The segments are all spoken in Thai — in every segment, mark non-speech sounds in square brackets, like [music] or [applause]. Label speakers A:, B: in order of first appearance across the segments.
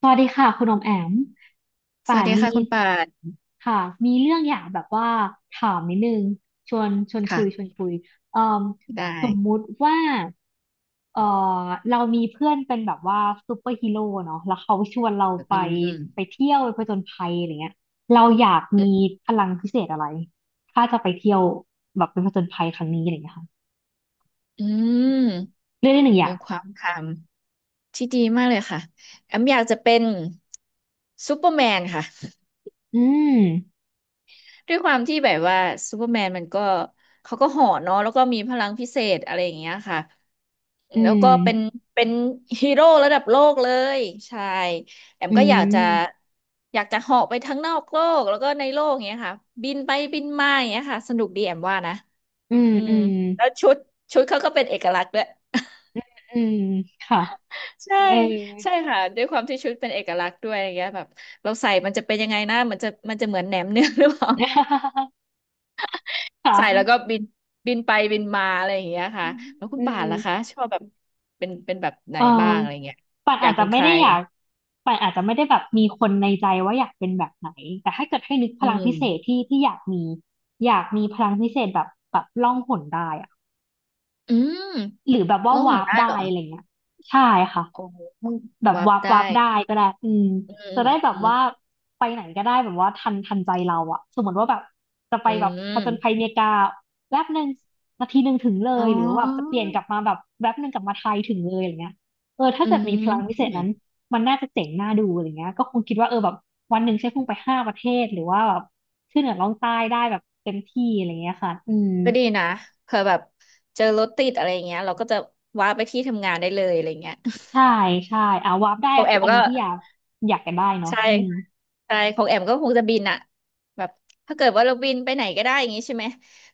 A: สวัสดีค่ะคุณอมแอม
B: ส
A: ป่า
B: วัส
A: น
B: ดี
A: มี
B: ค่ะคุณป่าน
A: ค่ะมีเรื่องอยากแบบว่าถามนิดนึงชวนชวนคุยชว
B: ค่ะ
A: นคุยเอ่ม
B: ได้
A: สมมุติว่าเอ่อเรามีเพื่อนเป็นแบบว่าซูเปอร์ฮีโร่เนาะแล้วเขาชวนเรา
B: อื
A: ไป
B: มอืม
A: ไปเที่ยวไปผจญภัยอะไรเงี้ยเราอยากมีพลังพิเศษอะไรถ้าจะไปเที่ยวแบบเป็นผจญภัยครั้งนี้อะไรเงี้ยค่ะ
B: อืม
A: เรื่องที่หนึ่งอย่า
B: เป็
A: ง
B: นความคำที่ดีมากเลยค่ะแอมอยากจะเป็นซูเปอร์แมนค่ะ
A: อืม
B: ด้วยความที่แบบว่าซูเปอร์แมนมันก็เขาก็เห่อเนาะแล้วก็มีพลังพิเศษอะไรอย่างเงี้ยค่ะ
A: อื
B: แล้วก็เป็น
A: ม
B: เป็นฮีโร่ระดับโลกเลยใช่แอม
A: อื
B: ก็อยากจะ
A: ม
B: อยากจะเหาะไปทั้งนอกโลกแล้วก็ในโลกอย่างเงี้ยค่ะบินไปบินมาอย่างเงี้ยค่ะสนุกดีแอมว่านะ
A: อืม
B: อื
A: อื
B: ม
A: ม
B: แล้วชุดเขาก็เป็นเอกลักษณ์ด้วย [laughs]
A: อืมค่ะ
B: ใช่
A: เออ
B: ใช่ค่ะด้วยความที่ชุดเป็นเอกลักษณ์ด้วยอะไรเงี้ยแบบเราใส่มันจะเป็นยังไงนะมันจะเหมือนแหนมเนืองหรือเปล่า
A: [laughs]
B: [laughs] ใส่แล้ว
A: ค่ะ
B: ก็บินบินไปบินมาอะไรอย่างเงี้ยค่ะแล้วคุณ
A: อื
B: ป่านล่ะคะ
A: ม
B: ชอบแบบเป็นแบบไหน
A: เออ
B: บ้างอะไรเงี้ย
A: ป่าน
B: อ
A: อา
B: ยา
A: จ
B: ก
A: จะ
B: เป็นใค
A: ไม่
B: ร
A: ได้อยากป่านอาจจะไม่ได้แบบมีคนในใจว่าอยากเป็นแบบไหนแต่ถ้าเกิดให้นึกพ
B: อื
A: ลังพิเศษ
B: ม
A: ที่ที่อยากมีพลังพิเศษแบบล่องหนได้อะ
B: อืม
A: หรือแบบว่า
B: ร้องห
A: วา
B: น
A: ร์ป
B: ได้เหร
A: ได้
B: อ
A: อะไรเงี้ยใช่ค่ะ
B: โอ้
A: แบบ
B: วับ
A: วับ
B: ได้
A: วับได้ก็ได้อืม
B: อืม
A: จะได้แบ
B: อื
A: บ
B: ม
A: ว่าไปไหนก็ได้แบบว่าทันใจเราอะสมมติว่าแบบจะไป
B: อื
A: แบ
B: ม
A: บ
B: อื
A: ผ
B: ม
A: จญภัยเมกาแป๊บหนึ่งนาทีหนึ่งถึงเล
B: อ๋
A: ย
B: อ
A: หรือว่าแบบจะเปลี่ยนกลับมาแบบแป๊บหนึ่งกลับมาไทยถึงเลยอะไรเงี้ยเออถ้า
B: อื
A: เกิดมีพลังวิเศษนั้น
B: ม
A: มันน่าจะเจ๋งน่าดูอะไรเงี้ยก็คงคิดว่าเออแบบวันหนึ่งใช้พุ่งไปห้าประเทศหรือว่าแบบขึ้นเหนือล่องใต้ได้แบบเต็มที่อะไรเงี้ยค่ะอืม
B: ก็ดีนะเผื่อแบบเจอรถติดอะไรเงี้ยเราก็จะว้าไปที่ทำงานได้เลยอะไรเงี้ย
A: ใช่ใช่อ่าวาร์ปได้
B: ของแอ
A: คือ
B: ม
A: อัน
B: ก็
A: นี้ที่อยากกันได้เนาะ
B: ใช่
A: อืม
B: ใช่ของแอมก็คงจะบินอะแบบถ้าเกิดว่าเราบินไปไหนก็ได้อย่างงี้ใช่ไหม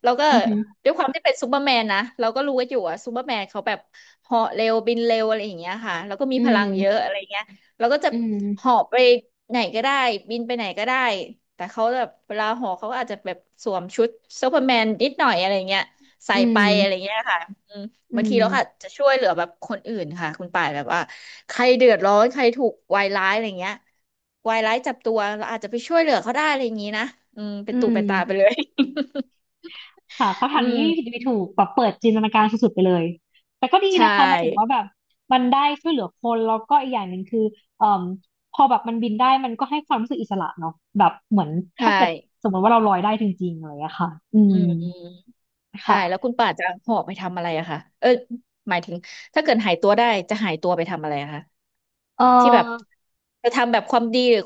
B: เราก็
A: อือหือ
B: ด้วยความที่เป็นซูเปอร์แมนนะเราก็รู้กันอยู่อะซูเปอร์แมนเขาแบบเหาะเร็วบินเร็วอะไรอย่างเงี้ยค่ะแล้วก็มี
A: อื
B: พลังเยอะ
A: ม
B: อะไรเงี้ยเราก็จะ
A: อืม
B: เหาะไปไหนก็ได้บินไปไหนก็ได้แต่เขาแบบเวลาเหาะเขาก็อาจจะแบบสวมชุดซูเปอร์แมนนิดหน่อยอะไรเงี้ยใส่
A: อื
B: ไปอะไร
A: ม
B: เงี้ยค่ะ
A: อื
B: บางที
A: ม
B: เราก็อาจจะช่วยเหลือแบบคนอื่นค่ะคุณป่านแบบว่าใครเดือดร้อนใครถูกวายร้ายอะไรเงี้ยวายร้ายจับตัวเราอาจจะไปช่วยเหลือเขาได้อะไรอย่างนี้นะอืมเป็น
A: อื
B: ตุเป็นตาไปเล
A: ม
B: ย
A: ค่ะ
B: [laughs]
A: คำถา
B: อื
A: มนี้่
B: ม
A: ผิดไม่ถูกแบบเปิดจินตนาการสุดๆไปเลย แต่ก็ดี
B: ใช่
A: นะคะหมายถึงว่าแบบมันได้ช่วยเหลือคนแล้วก็อีกอย่างหนึ่งคือเอ่อพอแบบมันบินได้มันก็ให้ความรู้สึกอิสระเนาะแบบเหมือนถ้า
B: ใช่
A: เกิดสมมติว่าเราลอยได้จริงๆอะไรอย่างเงี้ยค่ะอื
B: อื
A: ม
B: มอืมใช่แล้ว
A: ค่ะ
B: คุณป่าจะหอบไปทำอะไรอะคะเออหมายถึงถ้าเกิดหายตัวได้จะหายตัวไปทำอะไรอะคะ
A: เอ่
B: ที่แบบ
A: อ
B: จะทำแบบความดีหรือ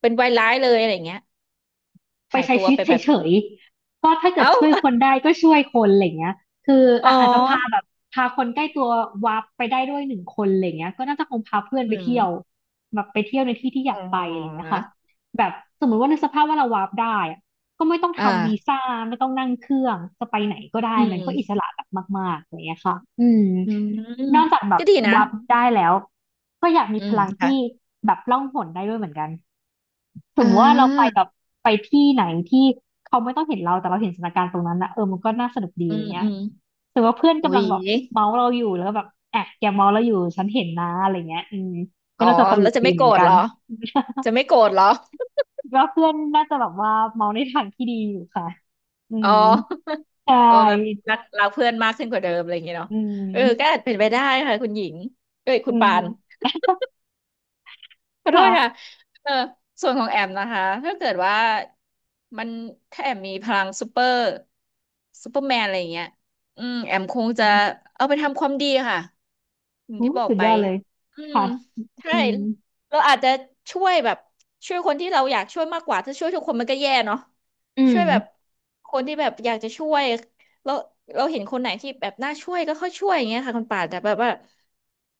B: เป็นวายร้ายเลยอะไรอย่างเงี้ย
A: ไป
B: หาย
A: ใช้
B: ตัว
A: ชีวิ
B: ไป
A: ต
B: แบบ
A: เฉยๆก็ถ้าเกิด
B: เอ้า
A: ช่วยค
B: [laughs]
A: นได้ก็ช่วยคนอะไรเงี้ยคือ
B: อ๋อ
A: อ่ะอาจจะพาแบบพาคนใกล้ตัววาร์ปไปได้ด้วยหนึ่งคนอะไรเงี้ยก็น่าจะคงพาเพื่อน
B: อื
A: ไปเที่ยว
B: ม
A: แบบไปเที่ยวในที่ที่อยา
B: อ๋
A: กไปอะไรเงี้
B: อ
A: ยค่ะแบบสมมติว่าในกสภาพว่าเราวาร์ปได้อะก็ไม่ต้อง
B: อ่า
A: ทำวีซ่าไม่ต้องนั่งเครื่องจะไปไหนก็ได้
B: อื
A: มันก็อิส
B: ม
A: ระแบบมากๆอะไรเงี้ยค่ะอืม
B: อืม
A: นอกจากแบบ
B: ก็ดีนะ
A: วาร์ปได้แล้วก็อยากมี
B: อื
A: พ
B: ม
A: ลังที่
B: ค่ะ
A: แบบล่องหนได้ด้วยเหมือนกัน สม
B: อ่
A: มติว่าเราไป
B: า
A: แบบไปที่ไหนที่เขาไม่ต้องเห็นเราแต่เราเห็นสถานการณ์ตรงนั้นนะเออมันก็น่าสนุกดี
B: อื
A: อะไร
B: ม
A: เงี้ย
B: อืม
A: สมมติว่าเพื่อน
B: อุ๊
A: กำลัง
B: ย
A: แบบเมาเราอยู่แล้วก็แบบอ่ะแกเมาเราอยู่ฉันเห็นนะอะไรเงี้ยอืมก็
B: อ๋อ
A: น่าจะตล
B: แล้ว
A: ก
B: จะ
A: ดี
B: ไม่
A: เห
B: โก
A: มื
B: ร
A: อน
B: ธ
A: กั
B: เหร
A: น
B: อ จะไม่โกรธเหรอ
A: [laughs] คิดว่าเพื่อนน่าจะแบบว่าเมาในทางที่ดีอยู่ค่ะอื
B: อ๋อ
A: มใช่
B: [laughs] อ๋อแบบรักเพื่อนมากขึ้นกว่าเดิมอะไรอย่างเงี้ยเนาะ
A: อื
B: เออก็
A: ม
B: อาจเป็นไปได้ค่ะคุณหญิงเอ้ยคุ
A: อื
B: ณปา
A: ม
B: นขอโทษค่ะ
A: ค่ะ
B: เออส่วนของแอมนะคะถ้าเกิดว่ามันถ้าแอมมีพลังซูเปอร์แมนอะไรอย่างเงี้ยอืม แอมคง
A: อื
B: จะ
A: ม
B: เอาไปทำความดีค่ะ อย่าง
A: อู้
B: ที่บอก
A: สุด
B: ไป
A: ยอดเลย
B: อืม
A: ค่ะ
B: ใช่
A: อืม
B: เราอาจจะช่วยแบบช่วยคนที่เราอยากช่วยมากกว่าถ้าช่วยทุกคนมันก็แย่เนาะ
A: อื
B: ช่ว
A: ม
B: ยแบบคนที่แบบอยากจะช่วยแล้วเราเห็นคนไหนที่แบบน่าช่วยก็ค่อยช่วยอย่างเงี้ยค่ะคุณป่านแต่แบบว่า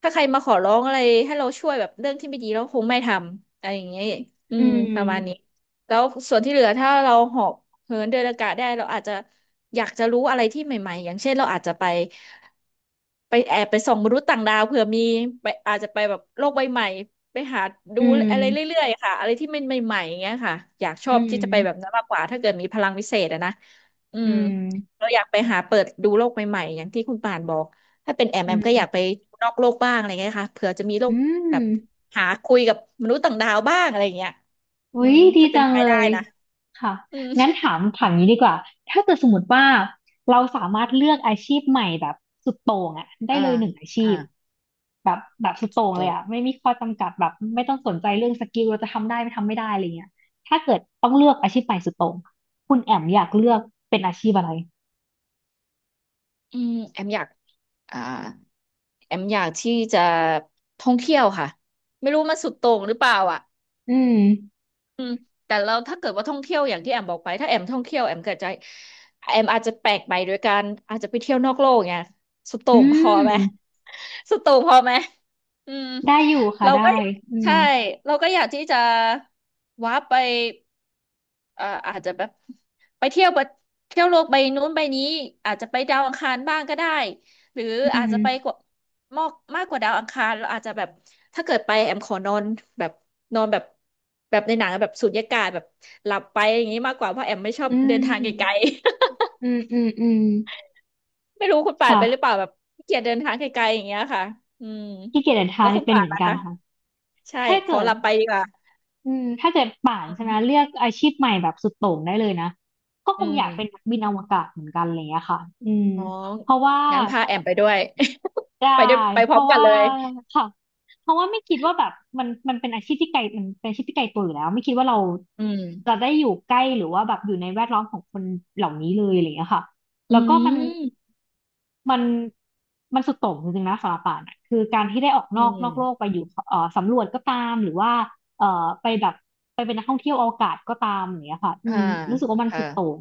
B: ถ้าใครมาขอร้องอะไรให้เราช่วยแบบเรื่องที่ไม่ดีเราคงไม่ทำอะไรอย่างเงี้ยอื
A: อื
B: มประมาณนี้
A: ม
B: แล้วส่วนที่เหลือถ้าเราหอบ เหินเดินอากาศได้เราอาจจะอยากจะรู้อะไรที่ใหม่ๆอย่างเช่นเราอาจจะไปแอบไปส่องมนุษย์ต่างดาวเผื่อมีไปอาจจะไปแบบโลกใบใหม่ไปหาดู
A: อื
B: อะไร
A: ม
B: เรื่อยๆค่ะอะไรที่มันใหม่ๆอย่างเงี้ยค่ะอยากชอ
A: อื
B: บที่จะไปแบบ
A: ม
B: นั้นมากกว่าถ้าเกิดมีพลังวิเศษอะนะอื
A: อื
B: ม
A: ม
B: เราอยากไปหาเปิดดูโลกใหม่ๆอย่างที่คุณป่านบอกถ้าเป็นแอม
A: อื
B: แอม
A: ม
B: ก็อยากไปนอกโลกบ้างอะไรเงี้ยค่ะเผื่อจะมีโล
A: อื
B: ก
A: ม
B: แบบหาคุยกับมนุษย์ต่างดาวบ้างอะไรเงี้ยอื
A: อุ๊ย
B: ม
A: ดี
B: ถ้าเป็น
A: จัง
B: ไป
A: เล
B: ได้
A: ย
B: นะ
A: ค่ะ
B: อืม
A: งั้นถามนี้ดีกว่าถ้าเกิดสมมติว่าเราสามารถเลือกอาชีพใหม่แบบสุดโต่งอะได้
B: อ่า
A: เลยหนึ่งอาชี
B: อ่า
A: พแบบแบบสุด
B: จ
A: โต่งเลย
B: บ
A: อะไม่มีข้อจำกัดแบบไม่ต้องสนใจเรื่องสกิลเราจะทำได้ไม่ทำไม่ได้อะไรเงี้ยถ้าเกิดต้องเลือกอาชีพใหม่สุดโต่งคุณแอมอยากเลือกเป็นอาชีพอะไร
B: อืมแอมอยากอ่าแอมอยากที่จะท่องเที่ยวค่ะไม่รู้มันสุดโต่งหรือเปล่าอ่ะ
A: อืม
B: อืมแต่เราถ้าเกิดว่าท่องเที่ยวอย่างที่แอมบอกไปถ้าแอมท่องเที่ยวแอมเกิดใจแอมอาจจะแปลกไปโดยการอาจจะไปเที่ยวนอกโลกไงสุดโต่
A: อื
B: งพอไหม
A: ม
B: [laughs] สุดโต่งพอไหมอืม
A: ได้อยู่ค่ะ
B: เราก็
A: ได้อื
B: ใช่
A: ม
B: เราก็อยากที่จะว้าร์ปไป อาจจะแบบไปเที่ยวประเที่ยวโลกใบนู้นใบนี้อาจจะไปดาวอังคารบ้างก็ได้หรือ
A: อื
B: อาจ
A: ม
B: จะไปกว่ามากมากกว่าดาวอังคารเราอาจจะแบบถ้าเกิดไปแอมขอนอนแบบนอนแบบแบบในหนังอะแบบสูญญากาศแบบหลับไปอย่างนี้มากกว่าเพราะแอมไม่ชอบ
A: อื
B: เดินทางไกล
A: ม
B: ๆ
A: อืมอืมอืม
B: [laughs] ไม่รู้คุณป่าน
A: ค่ะ
B: ไปหรือเปล่าแบบขี้เกียจเดินทางไกลๆอย่างเงี้ยค่ะอืม
A: ขี้เกียจเดินทา
B: แล้
A: ง
B: วคุ
A: นี่
B: ณ
A: เป็น
B: ป่า
A: เห
B: น
A: มือน
B: ล่ะ
A: กัน
B: คะ
A: ค่ะ
B: ใช่
A: ถ้า
B: ขอ
A: เกิ
B: ห
A: ด
B: ลับไปดีกว่า
A: อืมถ้าเกิดป่าน
B: อื
A: ใช่ไหมเลื
B: ม
A: อกอาชีพใหม่แบบสุดโต่งได้เลยนะก็ค
B: อื
A: งอยากเป็น
B: ม
A: นักบินอวกาศเหมือนกันอะไรอย่างเงี้ยค่ะอืม
B: อ๋อ
A: เพราะว่า
B: งั้นพาแอมไปด้วย
A: ได้
B: [laughs] ไปด้วยไปพ
A: เพ
B: ร้อม
A: ราะ
B: กัน
A: ว่า
B: เลย
A: ค่ะเพราะว่าไม่คิดว่าแบบมันมันเป็นอาชีพที่ไกลมันเป็นอาชีพที่ไกลตัวอยู่แล้วไม่คิดว่าเรา
B: อืม
A: จะได้อยู่ใกล้หรือว่าแบบอยู่ในแวดล้อมของคนเหล่านี้เลยอะไรอย่างเงี้ยค่ะ
B: อื
A: แล้วก็มัน
B: ม
A: มันมันสุดโต่งจริงๆนะสำหรับป่านอะคือการที่ได้ออก
B: อื
A: นอกโลกไป
B: ม
A: อยู่สำรวจก็ตามหรือว่าเอ่อไปแบบไปเป็นนักท่องเที่ยวอวกาศก็ตามอย่างเงี้ยค่ะอื
B: อ่า
A: มรู้สึกว่ามัน
B: ค่ะ
A: สุดโต่ง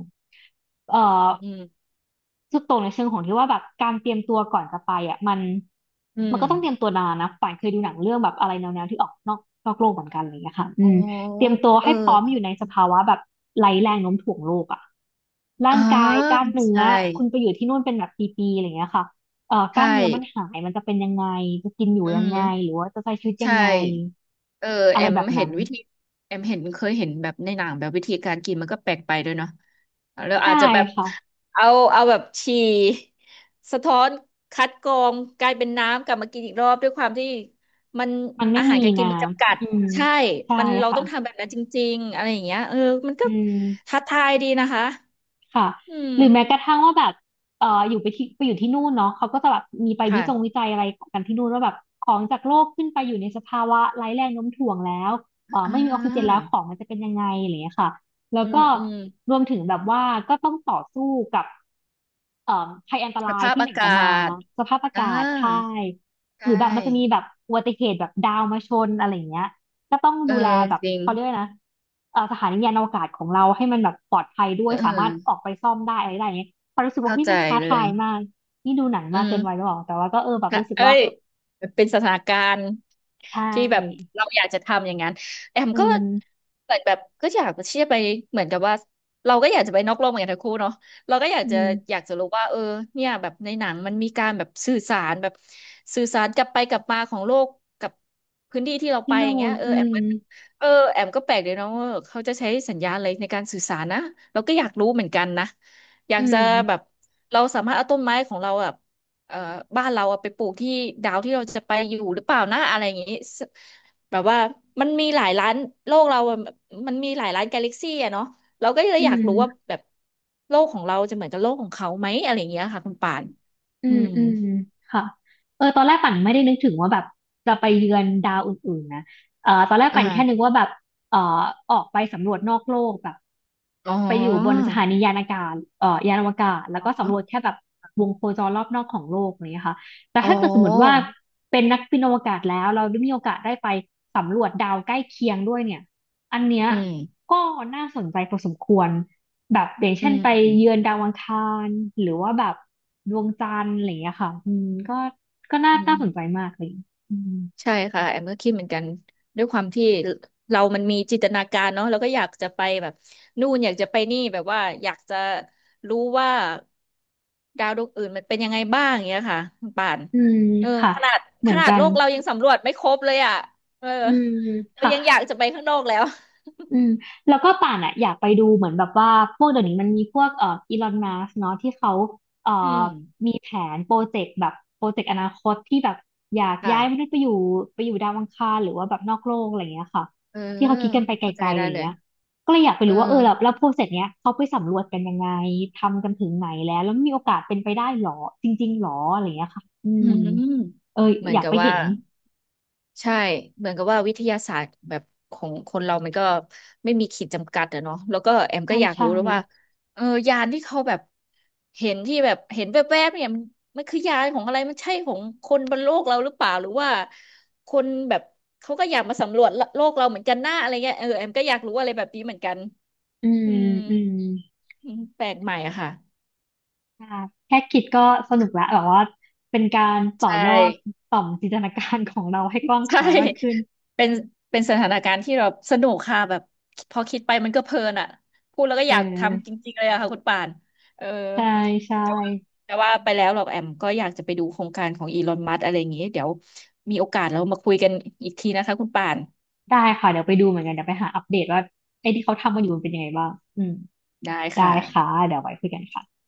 A: เอ่อ
B: อืม
A: สุดโตงในเชิงของที่ว่าแบบการเตรียมตัวก่อนจะไปอ่ะมัน
B: อื
A: มัน
B: ม
A: ก็ต้องเตรียมตัวนานนะป่านเคยดูหนังเรื่องแบบอะไรแนวๆที่ออกนอกโลกเหมือนกันอะไรอย่างเงี้ยค่ะอื
B: อ๋อ
A: มเตรียมตัว
B: เออ
A: ให้พร้อมอยู่ในสภาวะแบบไร้แรงโน้มถ่วงโลกอ่ะร่า
B: อ่า
A: งกายกล้ามเนื้อ
B: ใช่
A: คุณไปอยู่ที่นู่นเป็นแบบปีๆอะไรอย่างเงี้ยค่ะก
B: ใช่
A: ล้ามเนื้อมันหายมันจะเป็นยังไงจะกินอยู่
B: อื
A: ยัง
B: ม
A: ไงหรือว่าจะใช้ชีวิตยั
B: ใช่
A: งไง
B: เออ
A: อะ
B: แอ
A: ไร
B: ม
A: แบบ
B: เห็
A: นั้
B: น
A: น
B: วิธีแอมเห็นเคยเห็นแบบในหนังแบบวิธีการกินมันก็แปลกไปด้วยเนาะแล้วอา
A: ใช่
B: จจะแบบ
A: ค่ะ
B: เอาเอาแบบฉี่สะท้อนคัดกรองกลายเป็นน้ำกลับมากินอีกรอบด้วยความที่มัน
A: มันไม่
B: อาหาร
A: มี
B: การกิ
A: นะ
B: นมันจำกัด
A: อืม
B: ใช่
A: ใช่
B: มันเรา
A: ค่ะ
B: ต้องทำแบบนั้นจริงๆอะไรอย่างเงี้ยเออมันก็
A: อืม
B: ท้าทายดีนะคะ
A: ค่ะ
B: อืม
A: หรือแม้กระทั่งว่าแบบอยู่ไปที่ไปอยู่ที่นู่นเนาะเขาก็จะแบบมีไปวิจงวิ
B: ค่ะ
A: จัยอะไรกันที่นู่นว่าแบบของจากโลกขึ้นไปอยู่ในสภาวะไร้แรงโน้มถ่วงแล้ว
B: อ่
A: ไม่มีออกซิเจนแล้
B: า
A: วของมันจะเป็นยังไงอะไรอย่างเงี้ยค่ะแล้ว
B: อื
A: ก็
B: มอืม
A: รวมถึงแบบว่าก็ต้องต่อสู้กับ เอ่อภัยอันต
B: ส
A: ราย
B: ภาพ
A: ที่มั
B: อา
A: นอาจ
B: กา
A: จะมา
B: ศ
A: สภาพอา
B: อ่า
A: กาศใช่
B: ใช
A: หรือแบบมันจะมี
B: ่
A: แบบอุบัติเหตุแบบดาวมาชนอะไรอย่างเงี้ยก็ต้อง
B: เออ
A: ดูแลแบบ
B: จริง
A: เขาเรียกว่านะสถานียานอวกาศของเราให้มันแบบปลอดภัยด้ว
B: เ
A: ยสามารถอ
B: ออ
A: อกไปซ่อมได้อะไรได้อย่างเงี้ยพอรู้สึกว่า
B: เข้า
A: เฮ้ย
B: ใจ
A: มันท้า
B: เล
A: ทา
B: ย
A: ยมากนี่ดูหนัง
B: อื
A: มากเกินวัยหรื
B: ม
A: อเปล่าแต่ว่าก็เออแบบ
B: ค่ะ
A: รู้สึก
B: เอ้
A: ว่า
B: ย เป็นสถานการณ์
A: ใช
B: ที่แบบ
A: ่
B: เราอยากจะทำอย่างนั้นแอม
A: อื
B: ก็
A: ม
B: เหมือนแบบก็อยากจะเชี่ยร์ไปเหมือนกับว่าเราก็อยากจะไปนอกโลกเหมือนกันทั้งคู่เนาะเราก็อยาก
A: อื
B: จะ
A: ม
B: อยากจะรู้ว่าเออเนี่ยแบบในหนังมันมีการแบบสื่อสารแบบสื่อสารกลับไปกลับมาของโลกกับพื้นที่ที่เราไป
A: ที่
B: อย่า
A: นู่
B: งเงี้
A: น
B: ยเออ
A: อื
B: แอม
A: ม
B: มันเออแอมก็แปลกเลยเนาะว่าเขาจะใช้สัญญาณอะไรในการสื่อสารนะเราก็อยากรู้เหมือนกันนะอยา
A: อื
B: กจะ
A: ม
B: แบบเราสามารถเอาต้นไม้ของเราอะ เอ่อบ้านเราอะไปปลูกที่ดาวที่เราจะไปอยู่หรือเปล่านะอะไรอย่างงี้สแบบว่ามันมีหลายร้านโลกเราอะมันมีหลายร้านกาแล็กซี่อะเนาะเราก็เลยอ
A: อื
B: ยาก
A: ม
B: รู้ว่าแบบโลกของเราจะเหมือนกับโลกของเขาไหมอะไรอย่างเงี้ยค่ะคุณป่าน
A: อื
B: อื
A: ม
B: ม
A: อืมค่ะเออตอนแรกปั่นไม่ได้นึกถึงว่าแบบจะไปเยือนดาวอื่นๆนะเออตอนแรก
B: อ่า
A: ปั่นแค่นึกว่าแบบเออออกไปสำรวจนอกโลกแบบ
B: อ๋อ
A: ไปอยู่บนสถานียานอากาศเออยานอวกาศแล้ว
B: อ๋
A: ก็สำรวจ
B: อ
A: แค่แบบวงโคจรรอบนอกของโลกอย่างเนี้ยค่ะแต่
B: อ๋อ
A: ถ้าเกิดสมมติว่าเป็นนักบินอวกาศแล้วเราได้มีโอกาสได้ไปสำรวจดาวใกล้เคียงด้วยเนี่ย อันเนี้ย
B: อืม
A: ก็น่าสนใจพอสมควรแบบอย่าง
B: อื
A: เช่นไปเยื
B: ม
A: อนดาวอังคารหรือว่าแบบดวงจันทร์อะไรอย่างเงี้ยค่ะอืมก็ก็น่า
B: อื
A: น่า
B: ม
A: สนใจมากเลยอืม
B: ใช่ค่ะแอมก็คิดเหมือนกันด้วยความที่เรามันมีจินตนาการเนาะเราก็อยากจะไปแบบนู่นอยากจะไปนี่แบบว่าอยากจะรู้ว่าดาวดวงอื่นมันเป็นยังไงบ้างอย่างเงี้ยค่ะคุณป่าน
A: อืม
B: เออ
A: ค่ะ
B: ขนาด
A: เห
B: ข
A: มือน
B: นาด
A: กัน
B: โลกเรายังสำรวจไม่ครบเลยอ่ะเออ
A: อืม
B: เรา
A: ค่ะ
B: ยังอยากจะไปข้างนอกแล้ว
A: อืมแล้วก็ป่านอ่ะอยากไปดูเหมือนแบบว่าพวกเดี๋ยวนี้มันมีพวกอีลอนมัสเนาะที่เขาเอ่อ
B: อืม
A: มีแผนโปรเจกต์แบบโปรเจกต์อนาคตที่แบบอยาก
B: ค่ะ
A: ย้ายมนุษย์ไปอยู่ไปอยู่ดาวอังคารหรือว่าแบบนอกโลกอะไรอย่างเงี้ยค่ะ
B: เออ
A: ที่เขาคิดกันไปไก
B: เข้าใจ
A: ลๆอะ
B: ได้
A: ไร
B: เลย
A: เงี้ยก็เลยอยากไป
B: เออ
A: รู้ว่าเออแล้วแล้วโปรเจกต์เนี้ยเขาไปสำรวจกันยังไงทำกันถึงไหนแล้วแล้วมีโอกาสเป็นไปได้หรอจริงๆหรออะไรเงี้ยค่ะอื
B: อื
A: ม
B: ม
A: เออ
B: เหมือ
A: อ
B: น
A: ยาก
B: กับ
A: ไปเห็
B: ว่า
A: น
B: ใช่เหมือนกับว่าวิทยาศาสตร์แบบของคนเรามันก็ไม่มีขีดจำกัดอะเนาะแล้วก็แอมก็
A: ใช่
B: อยาก
A: ใช่
B: รู้แล้วว่าเออยานที่เขาแบบเห็นที่แบบเห็นแวบๆเนี่ยมันมันคือยานของอะไรมันใช่ของคนบนโลกเราหรือเปล่าหรือว่าคนแบบเขาก็อยากมาสำรวจโลกเราเหมือนกันหน้าอะไรเงี้ยเออแอมก็อยากรู้อะไรแบบนี้เหมือนกัน
A: อืม
B: อืม
A: อืม
B: อืมแปลกใหม่อะค่ะ
A: อ่าแค่คิดก็สนุกละแบบว่าเป็นการต่อ
B: ใช่
A: ยอดต่อมจินตนาการของเราให้กว้างข
B: ใช่
A: วางมากขึ้น
B: เป็นเป็นสถานการณ์ที่เราสนุกค่ะแบบพอคิดไปมันก็เพลินอ่ะพูดแล้วก็
A: เ
B: อยากทำจ
A: ออ
B: ริงๆเลยอะค่ะคุณป่านเออ
A: ใช่ใช่
B: แต่ว่าแต่ว่าไปแล้วหรอกแอมก็อยากจะไปดูโครงการของอีลอนมัสอะไรอย่างงี้เดี๋ยวมีโอกาสเรามาคุยกันอีกทีนะคะคุณป่าน
A: ได้ค่ะเดี๋ยวไปดูเหมือนกันเดี๋ยวไปหาอัปเดตว่าไอ้ที่เขาทำกันอยู่มันเป็นยังไงบ้างอืม
B: ได้
A: ได้
B: ค่ะ
A: ค่ะเดี๋ยวไว้คุยกันค่ะ